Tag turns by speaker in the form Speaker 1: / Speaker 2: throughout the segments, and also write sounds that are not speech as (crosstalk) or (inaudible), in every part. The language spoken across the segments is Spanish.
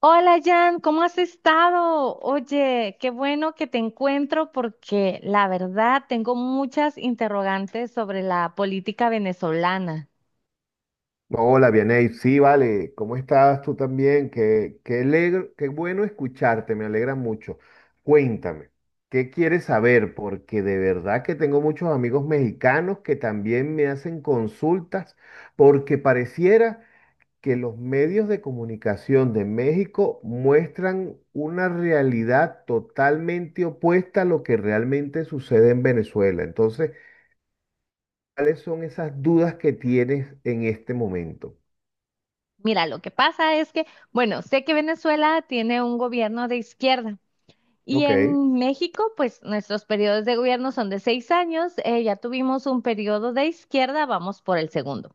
Speaker 1: Hola Jan, ¿cómo has estado? Oye, qué bueno que te encuentro porque la verdad tengo muchas interrogantes sobre la política venezolana.
Speaker 2: Hola, Vianey. Sí, vale. ¿Cómo estás tú también? Qué bueno escucharte, me alegra mucho. Cuéntame, ¿qué quieres saber? Porque de verdad que tengo muchos amigos mexicanos que también me hacen consultas porque pareciera que los medios de comunicación de México muestran una realidad totalmente opuesta a lo que realmente sucede en Venezuela. Entonces, ¿cuáles son esas dudas que tienes en este momento?
Speaker 1: Mira, lo que pasa es que, bueno, sé que Venezuela tiene un gobierno de izquierda y
Speaker 2: Ok.
Speaker 1: en México, pues nuestros periodos de gobierno son de 6 años. Ya tuvimos un periodo de izquierda, vamos por el segundo.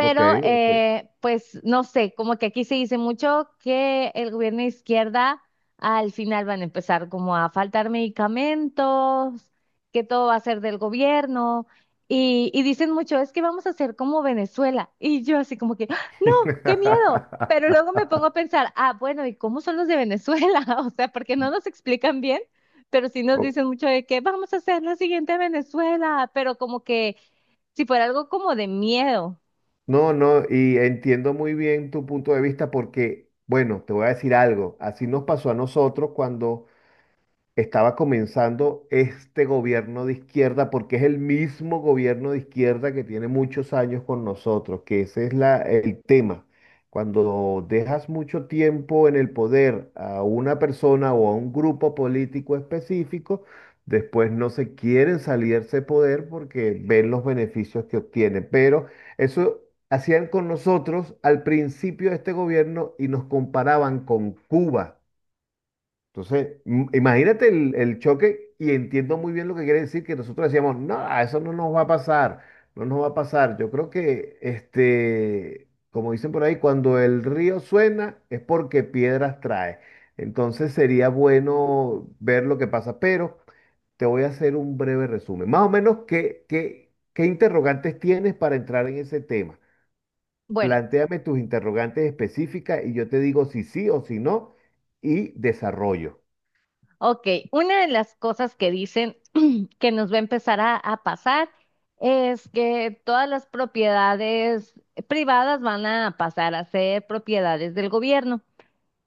Speaker 2: Ok, ok.
Speaker 1: pues, no sé, como que aquí se dice mucho que el gobierno de izquierda al final van a empezar como a faltar medicamentos, que todo va a ser del gobierno. Y dicen mucho, es que vamos a hacer como Venezuela. Y yo así como que, ¡ah! No, qué miedo. Pero
Speaker 2: (laughs)
Speaker 1: luego me pongo a pensar, ah, bueno, ¿y cómo son los de Venezuela? (laughs) O sea, porque no nos explican bien, pero sí nos
Speaker 2: Oh,
Speaker 1: dicen mucho de que vamos a hacer la siguiente Venezuela, pero como que si fuera algo como de miedo.
Speaker 2: no, no, y entiendo muy bien tu punto de vista porque, bueno, te voy a decir algo, así nos pasó a nosotros cuando estaba comenzando este gobierno de izquierda, porque es el mismo gobierno de izquierda que tiene muchos años con nosotros, que ese es el tema. Cuando dejas mucho tiempo en el poder a una persona o a un grupo político específico, después no se quieren salirse de poder porque ven los beneficios que obtiene. Pero eso hacían con nosotros al principio de este gobierno y nos comparaban con Cuba. Entonces, imagínate el choque y entiendo muy bien lo que quiere decir que nosotros decíamos, no, eso no nos va a pasar, no nos va a pasar. Yo creo que, este, como dicen por ahí, cuando el río suena es porque piedras trae. Entonces sería bueno ver lo que pasa, pero te voy a hacer un breve resumen. Más o menos, ¿qué interrogantes tienes para entrar en ese tema?
Speaker 1: Bueno.
Speaker 2: Plantéame tus interrogantes específicas y yo te digo si sí o si no y desarrollo.
Speaker 1: Ok, una de las cosas que dicen que nos va a empezar a pasar es que todas las propiedades privadas van a pasar a ser propiedades del gobierno.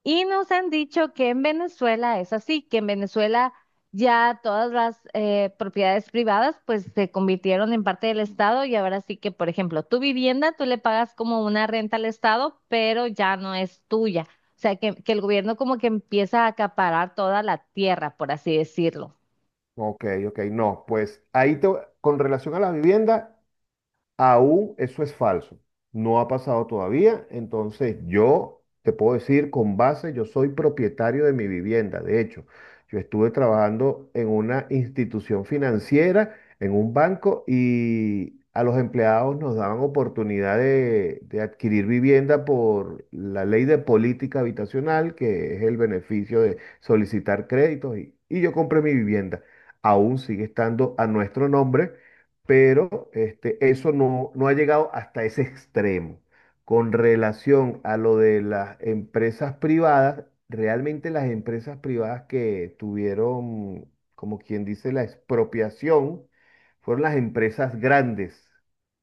Speaker 1: Y nos han dicho que en Venezuela es así, que en Venezuela ya todas las propiedades privadas pues se convirtieron en parte del Estado y ahora sí que, por ejemplo, tu vivienda tú le pagas como una renta al Estado, pero ya no es tuya. O sea, que el gobierno como que empieza a acaparar toda la tierra, por así decirlo.
Speaker 2: Ok, ok, no, pues con relación a la vivienda, aún eso es falso. No ha pasado todavía. Entonces yo te puedo decir con base, yo soy propietario de mi vivienda. De hecho, yo estuve trabajando en una institución financiera, en un banco, y a los empleados nos daban oportunidad de adquirir vivienda por la ley de política habitacional, que es el beneficio de solicitar créditos. Y yo compré mi vivienda. Aún sigue estando a nuestro nombre pero este, eso no, no ha llegado hasta ese extremo. Con relación a lo de las empresas privadas, realmente las empresas privadas que tuvieron, como quien dice, la expropiación, fueron las empresas grandes,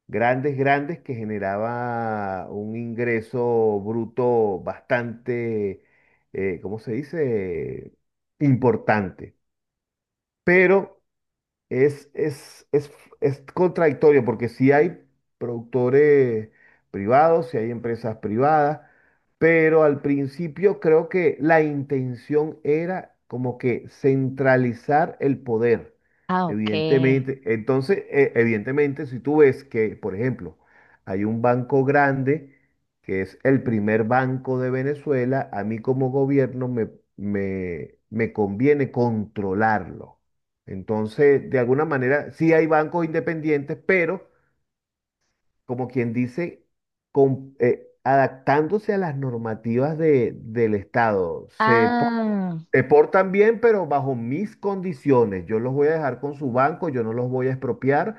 Speaker 2: grandes, grandes, que generaba un ingreso bruto bastante, ¿cómo se dice? Importante. Pero es, es, es, es contradictorio porque si hay productores privados, si hay empresas privadas, pero al principio creo que la intención era como que centralizar el poder.
Speaker 1: Ah, ok.
Speaker 2: Evidentemente, entonces, evidentemente, si tú ves que, por ejemplo, hay un banco grande que es el primer banco de Venezuela, a mí como gobierno me conviene controlarlo. Entonces, de alguna manera, sí hay bancos independientes, pero como quien dice, adaptándose a las normativas del Estado.
Speaker 1: Ah,
Speaker 2: Se portan bien, pero bajo mis condiciones. Yo los voy a dejar con su banco, yo no los voy a expropiar,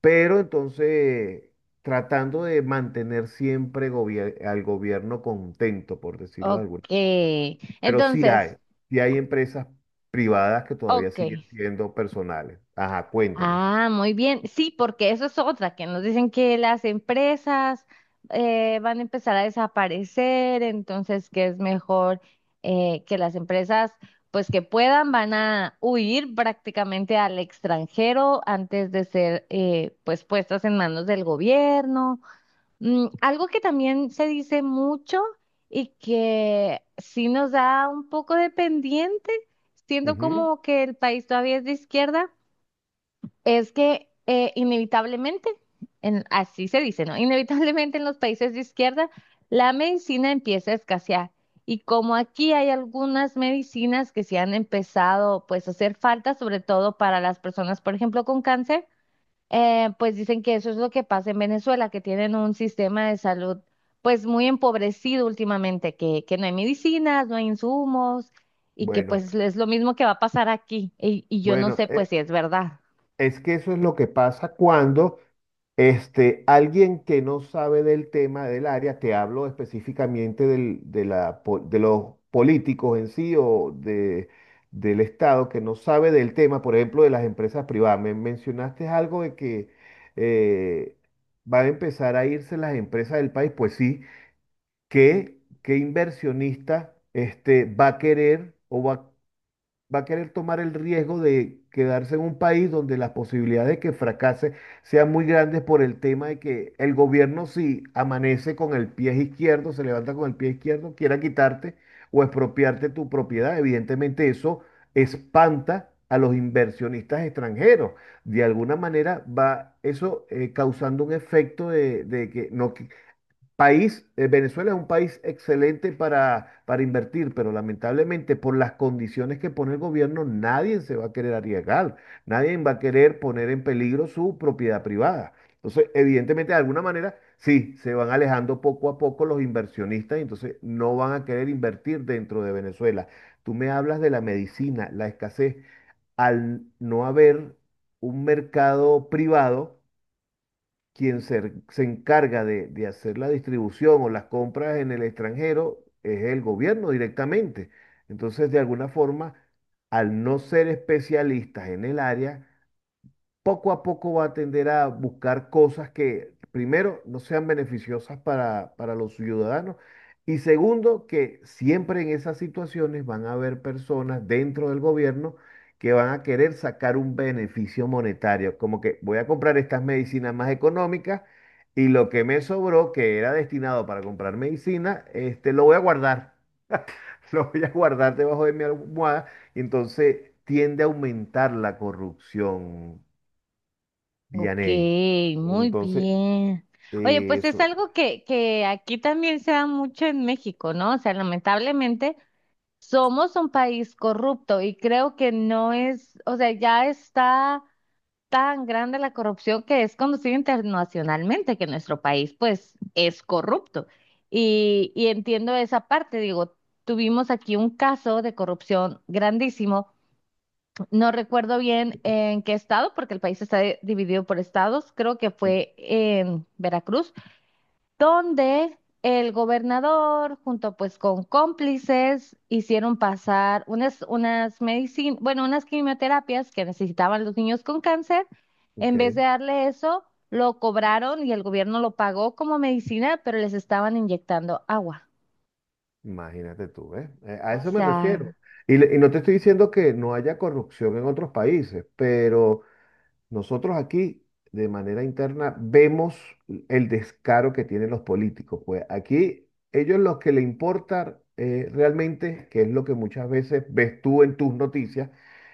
Speaker 2: pero entonces tratando de mantener siempre al gobierno contento, por decirlo de alguna forma.
Speaker 1: ok.
Speaker 2: Pero
Speaker 1: Entonces,
Speaker 2: sí hay empresas privadas que todavía
Speaker 1: ok.
Speaker 2: siguen siendo personales. Ajá, cuéntame.
Speaker 1: Ah, muy bien. Sí, porque eso es otra, que nos dicen que las empresas van a empezar a desaparecer, entonces que es mejor que las empresas, pues que puedan, van a huir prácticamente al extranjero antes de ser pues puestas en manos del gobierno. Mm, algo que también se dice mucho y que sí nos da un poco de pendiente, siendo
Speaker 2: Ujú,
Speaker 1: como que el país todavía es de izquierda es que inevitablemente, así se dice, ¿no? Inevitablemente en los países de izquierda la medicina empieza a escasear. Y como aquí hay algunas medicinas que se han empezado pues a hacer falta, sobre todo para las personas, por ejemplo, con cáncer, pues dicen que eso es lo que pasa en Venezuela, que tienen un sistema de salud pues muy empobrecido últimamente, que no hay medicinas, no hay insumos y que
Speaker 2: bueno,
Speaker 1: pues es lo mismo que va a pasar aquí. Y yo no
Speaker 2: bueno,
Speaker 1: sé pues
Speaker 2: e-
Speaker 1: si es verdad.
Speaker 2: es que eso es lo que pasa cuando este, alguien que no sabe del tema del área, te hablo específicamente de los políticos en sí o de, del Estado que no sabe del tema, por ejemplo, de las empresas privadas. Me mencionaste algo de que eh, van a empezar a irse las empresas del país, pues sí, qué inversionista este, va a querer o va a querer tomar el riesgo de quedarse en un país donde las posibilidades de que fracase sean muy grandes por el tema de que el gobierno si amanece con el pie izquierdo, se levanta con el pie izquierdo, quiera quitarte o expropiarte tu propiedad. Evidentemente eso espanta a los inversionistas extranjeros. De alguna manera va eso causando un efecto de que no, país, Venezuela es un país excelente para invertir, pero lamentablemente por las condiciones que pone el gobierno, nadie se va a querer arriesgar, nadie va a querer poner en peligro su propiedad privada. Entonces, evidentemente, de alguna manera, sí, se van alejando poco a poco los inversionistas y entonces no van a querer invertir dentro de Venezuela. Tú me hablas de la medicina, la escasez, al no haber un mercado privado quien se encarga de hacer la distribución o las compras en el extranjero es el gobierno directamente. Entonces, de alguna forma, al no ser especialistas en el área, poco a poco va a tender a buscar cosas que, primero, no sean beneficiosas para los ciudadanos y segundo, que siempre en esas situaciones van a haber personas dentro del gobierno que van a querer sacar un beneficio monetario, como que voy a comprar estas medicinas más económicas y lo que me sobró, que era destinado para comprar medicina, este, lo voy a guardar. (laughs) Lo voy a guardar debajo de mi almohada y entonces tiende a aumentar la corrupción,
Speaker 1: Ok,
Speaker 2: Vianey.
Speaker 1: muy
Speaker 2: Entonces,
Speaker 1: bien. Oye, pues es
Speaker 2: eso,
Speaker 1: algo que aquí también se da mucho en México, ¿no? O sea, lamentablemente somos un país corrupto y creo que no es, o sea, ya está tan grande la corrupción que es conocida internacionalmente que nuestro país, pues, es corrupto. Y entiendo esa parte, digo, tuvimos aquí un caso de corrupción grandísimo, no recuerdo bien en qué estado, porque el país está dividido por estados. Creo que
Speaker 2: mm,
Speaker 1: fue en Veracruz, donde el gobernador, junto pues con cómplices, hicieron pasar unas, unas medicinas, bueno, unas quimioterapias que necesitaban los niños con cáncer.
Speaker 2: ok,
Speaker 1: En vez de darle eso, lo cobraron y el gobierno lo pagó como medicina, pero les estaban inyectando agua.
Speaker 2: imagínate tú, ¿ves? A
Speaker 1: O
Speaker 2: eso me
Speaker 1: sea,
Speaker 2: refiero. Y, y no te estoy diciendo que no haya corrupción en otros países, pero nosotros aquí, de manera interna, vemos el descaro que tienen los políticos. Pues aquí, ellos lo que le importa realmente, que es lo que muchas veces ves tú en tus noticias,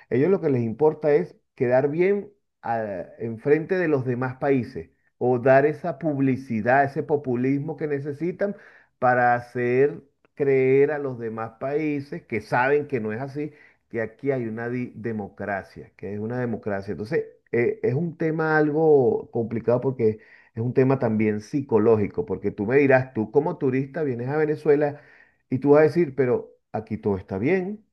Speaker 2: ellos lo que les importa es quedar bien enfrente de los demás países o dar esa publicidad, ese populismo que necesitan para hacer creer a los demás países que saben que no es así, que aquí hay una democracia, que es una democracia. Entonces, es un tema algo complicado porque es un tema también psicológico, porque tú me dirás, tú como turista vienes a Venezuela y tú vas a decir, pero aquí todo está bien,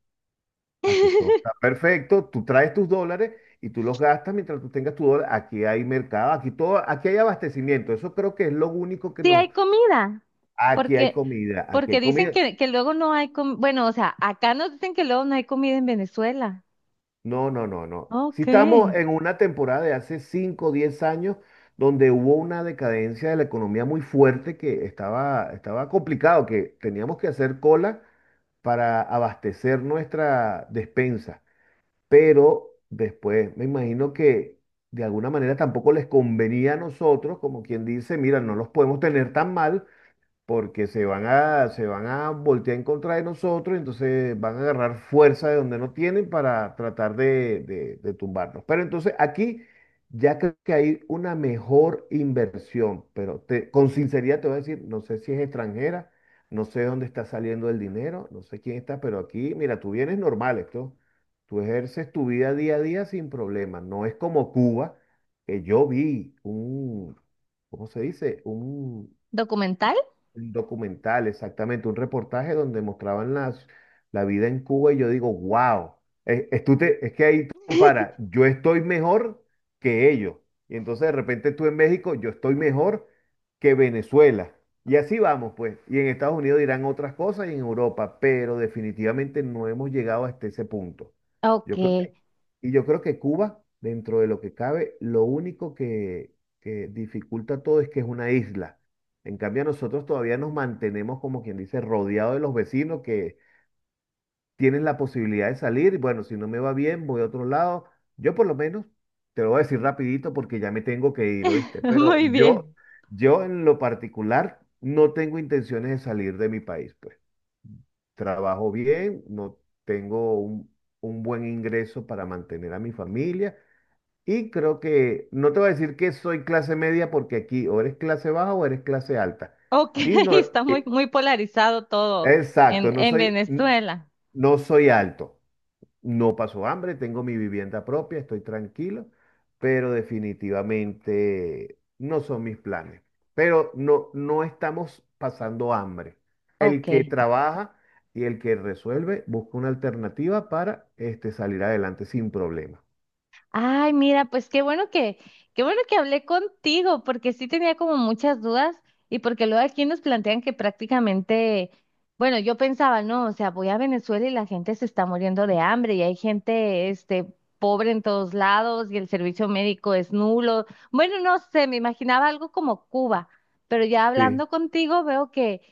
Speaker 2: aquí todo está perfecto, tú traes tus dólares y tú los gastas mientras tú tengas tu dólar, aquí hay mercado, aquí todo, aquí hay abastecimiento, eso creo que es lo único que
Speaker 1: sí
Speaker 2: nos...
Speaker 1: hay comida,
Speaker 2: Aquí hay
Speaker 1: porque,
Speaker 2: comida, aquí
Speaker 1: porque
Speaker 2: hay
Speaker 1: dicen
Speaker 2: comida.
Speaker 1: que luego no hay comida. Bueno, o sea, acá nos dicen que luego no hay comida en Venezuela.
Speaker 2: No, no, no, no. Si
Speaker 1: Ok.
Speaker 2: estamos en una temporada de hace 5, o 10 años donde hubo una decadencia de la economía muy fuerte que estaba, estaba complicado, que teníamos que hacer cola para abastecer nuestra despensa. Pero después me imagino que de alguna manera tampoco les convenía a nosotros, como quien dice, mira, no los podemos tener tan mal porque se van a voltear en contra de nosotros, entonces van a agarrar fuerza de donde no tienen para tratar de, de tumbarnos. Pero entonces aquí ya creo que hay una mejor inversión, pero con sinceridad te voy a decir, no sé si es extranjera, no sé dónde está saliendo el dinero, no sé quién está, pero aquí, mira, tú vienes normal esto. Tú ejerces tu vida día a día sin problema. No es como Cuba, que yo vi un, ¿cómo se dice?
Speaker 1: ¿Documental?
Speaker 2: Un documental, exactamente, un reportaje donde mostraban las, la vida en Cuba y yo digo, wow, es que ahí tú comparas, yo estoy mejor que ellos. Y entonces de repente tú en México, yo estoy mejor que Venezuela. Y así vamos, pues. Y en Estados Unidos dirán otras cosas y en Europa, pero definitivamente no hemos llegado hasta ese punto.
Speaker 1: Ok.
Speaker 2: Yo creo que, y yo creo que Cuba, dentro de lo que cabe, lo único que dificulta todo es que es una isla. En cambio, nosotros todavía nos mantenemos, como quien dice, rodeados de los vecinos que tienen la posibilidad de salir. Y bueno, si no me va bien, voy a otro lado. Yo por lo menos, te lo voy a decir rapidito porque ya me tengo que ir,
Speaker 1: (laughs)
Speaker 2: ¿oíste? Pero
Speaker 1: Muy
Speaker 2: yo,
Speaker 1: bien.
Speaker 2: yo en lo particular, no tengo intenciones de salir de mi país, pues. Trabajo bien, no tengo un buen ingreso para mantener a mi familia. Y creo que, no te voy a decir que soy clase media porque aquí o eres clase baja o eres clase alta.
Speaker 1: Ok,
Speaker 2: Y
Speaker 1: (laughs)
Speaker 2: no,
Speaker 1: está muy,
Speaker 2: e-
Speaker 1: muy polarizado todo
Speaker 2: exacto, no
Speaker 1: en
Speaker 2: soy,
Speaker 1: Venezuela.
Speaker 2: no soy alto, no paso hambre, tengo mi vivienda propia, estoy tranquilo, pero definitivamente no son mis planes. Pero no, no estamos pasando hambre. El
Speaker 1: Ok.
Speaker 2: que trabaja y el que resuelve busca una alternativa para este, salir adelante sin problema.
Speaker 1: Ay, mira, pues qué bueno que hablé contigo, porque sí tenía como muchas dudas y porque luego aquí nos plantean que prácticamente, bueno, yo pensaba, no, o sea, voy a Venezuela y la gente se está muriendo de hambre y hay gente, este, pobre en todos lados y el servicio médico es nulo. Bueno, no sé, me imaginaba algo como Cuba, pero ya
Speaker 2: Sí,
Speaker 1: hablando contigo veo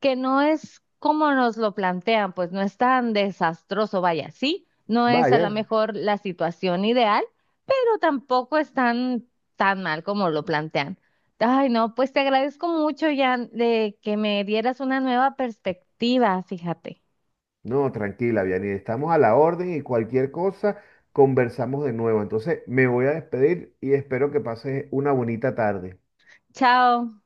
Speaker 1: que no es como nos lo plantean, pues no es tan desastroso, vaya, ¿sí? No es a lo
Speaker 2: vaya,
Speaker 1: mejor la situación ideal, pero tampoco es tan, tan mal como lo plantean. Ay, no, pues te agradezco mucho, Jan, de que me dieras una nueva perspectiva, fíjate.
Speaker 2: no, tranquila, Vianney, estamos a la orden y cualquier cosa conversamos de nuevo. Entonces, me voy a despedir y espero que pases una bonita tarde.
Speaker 1: Chao.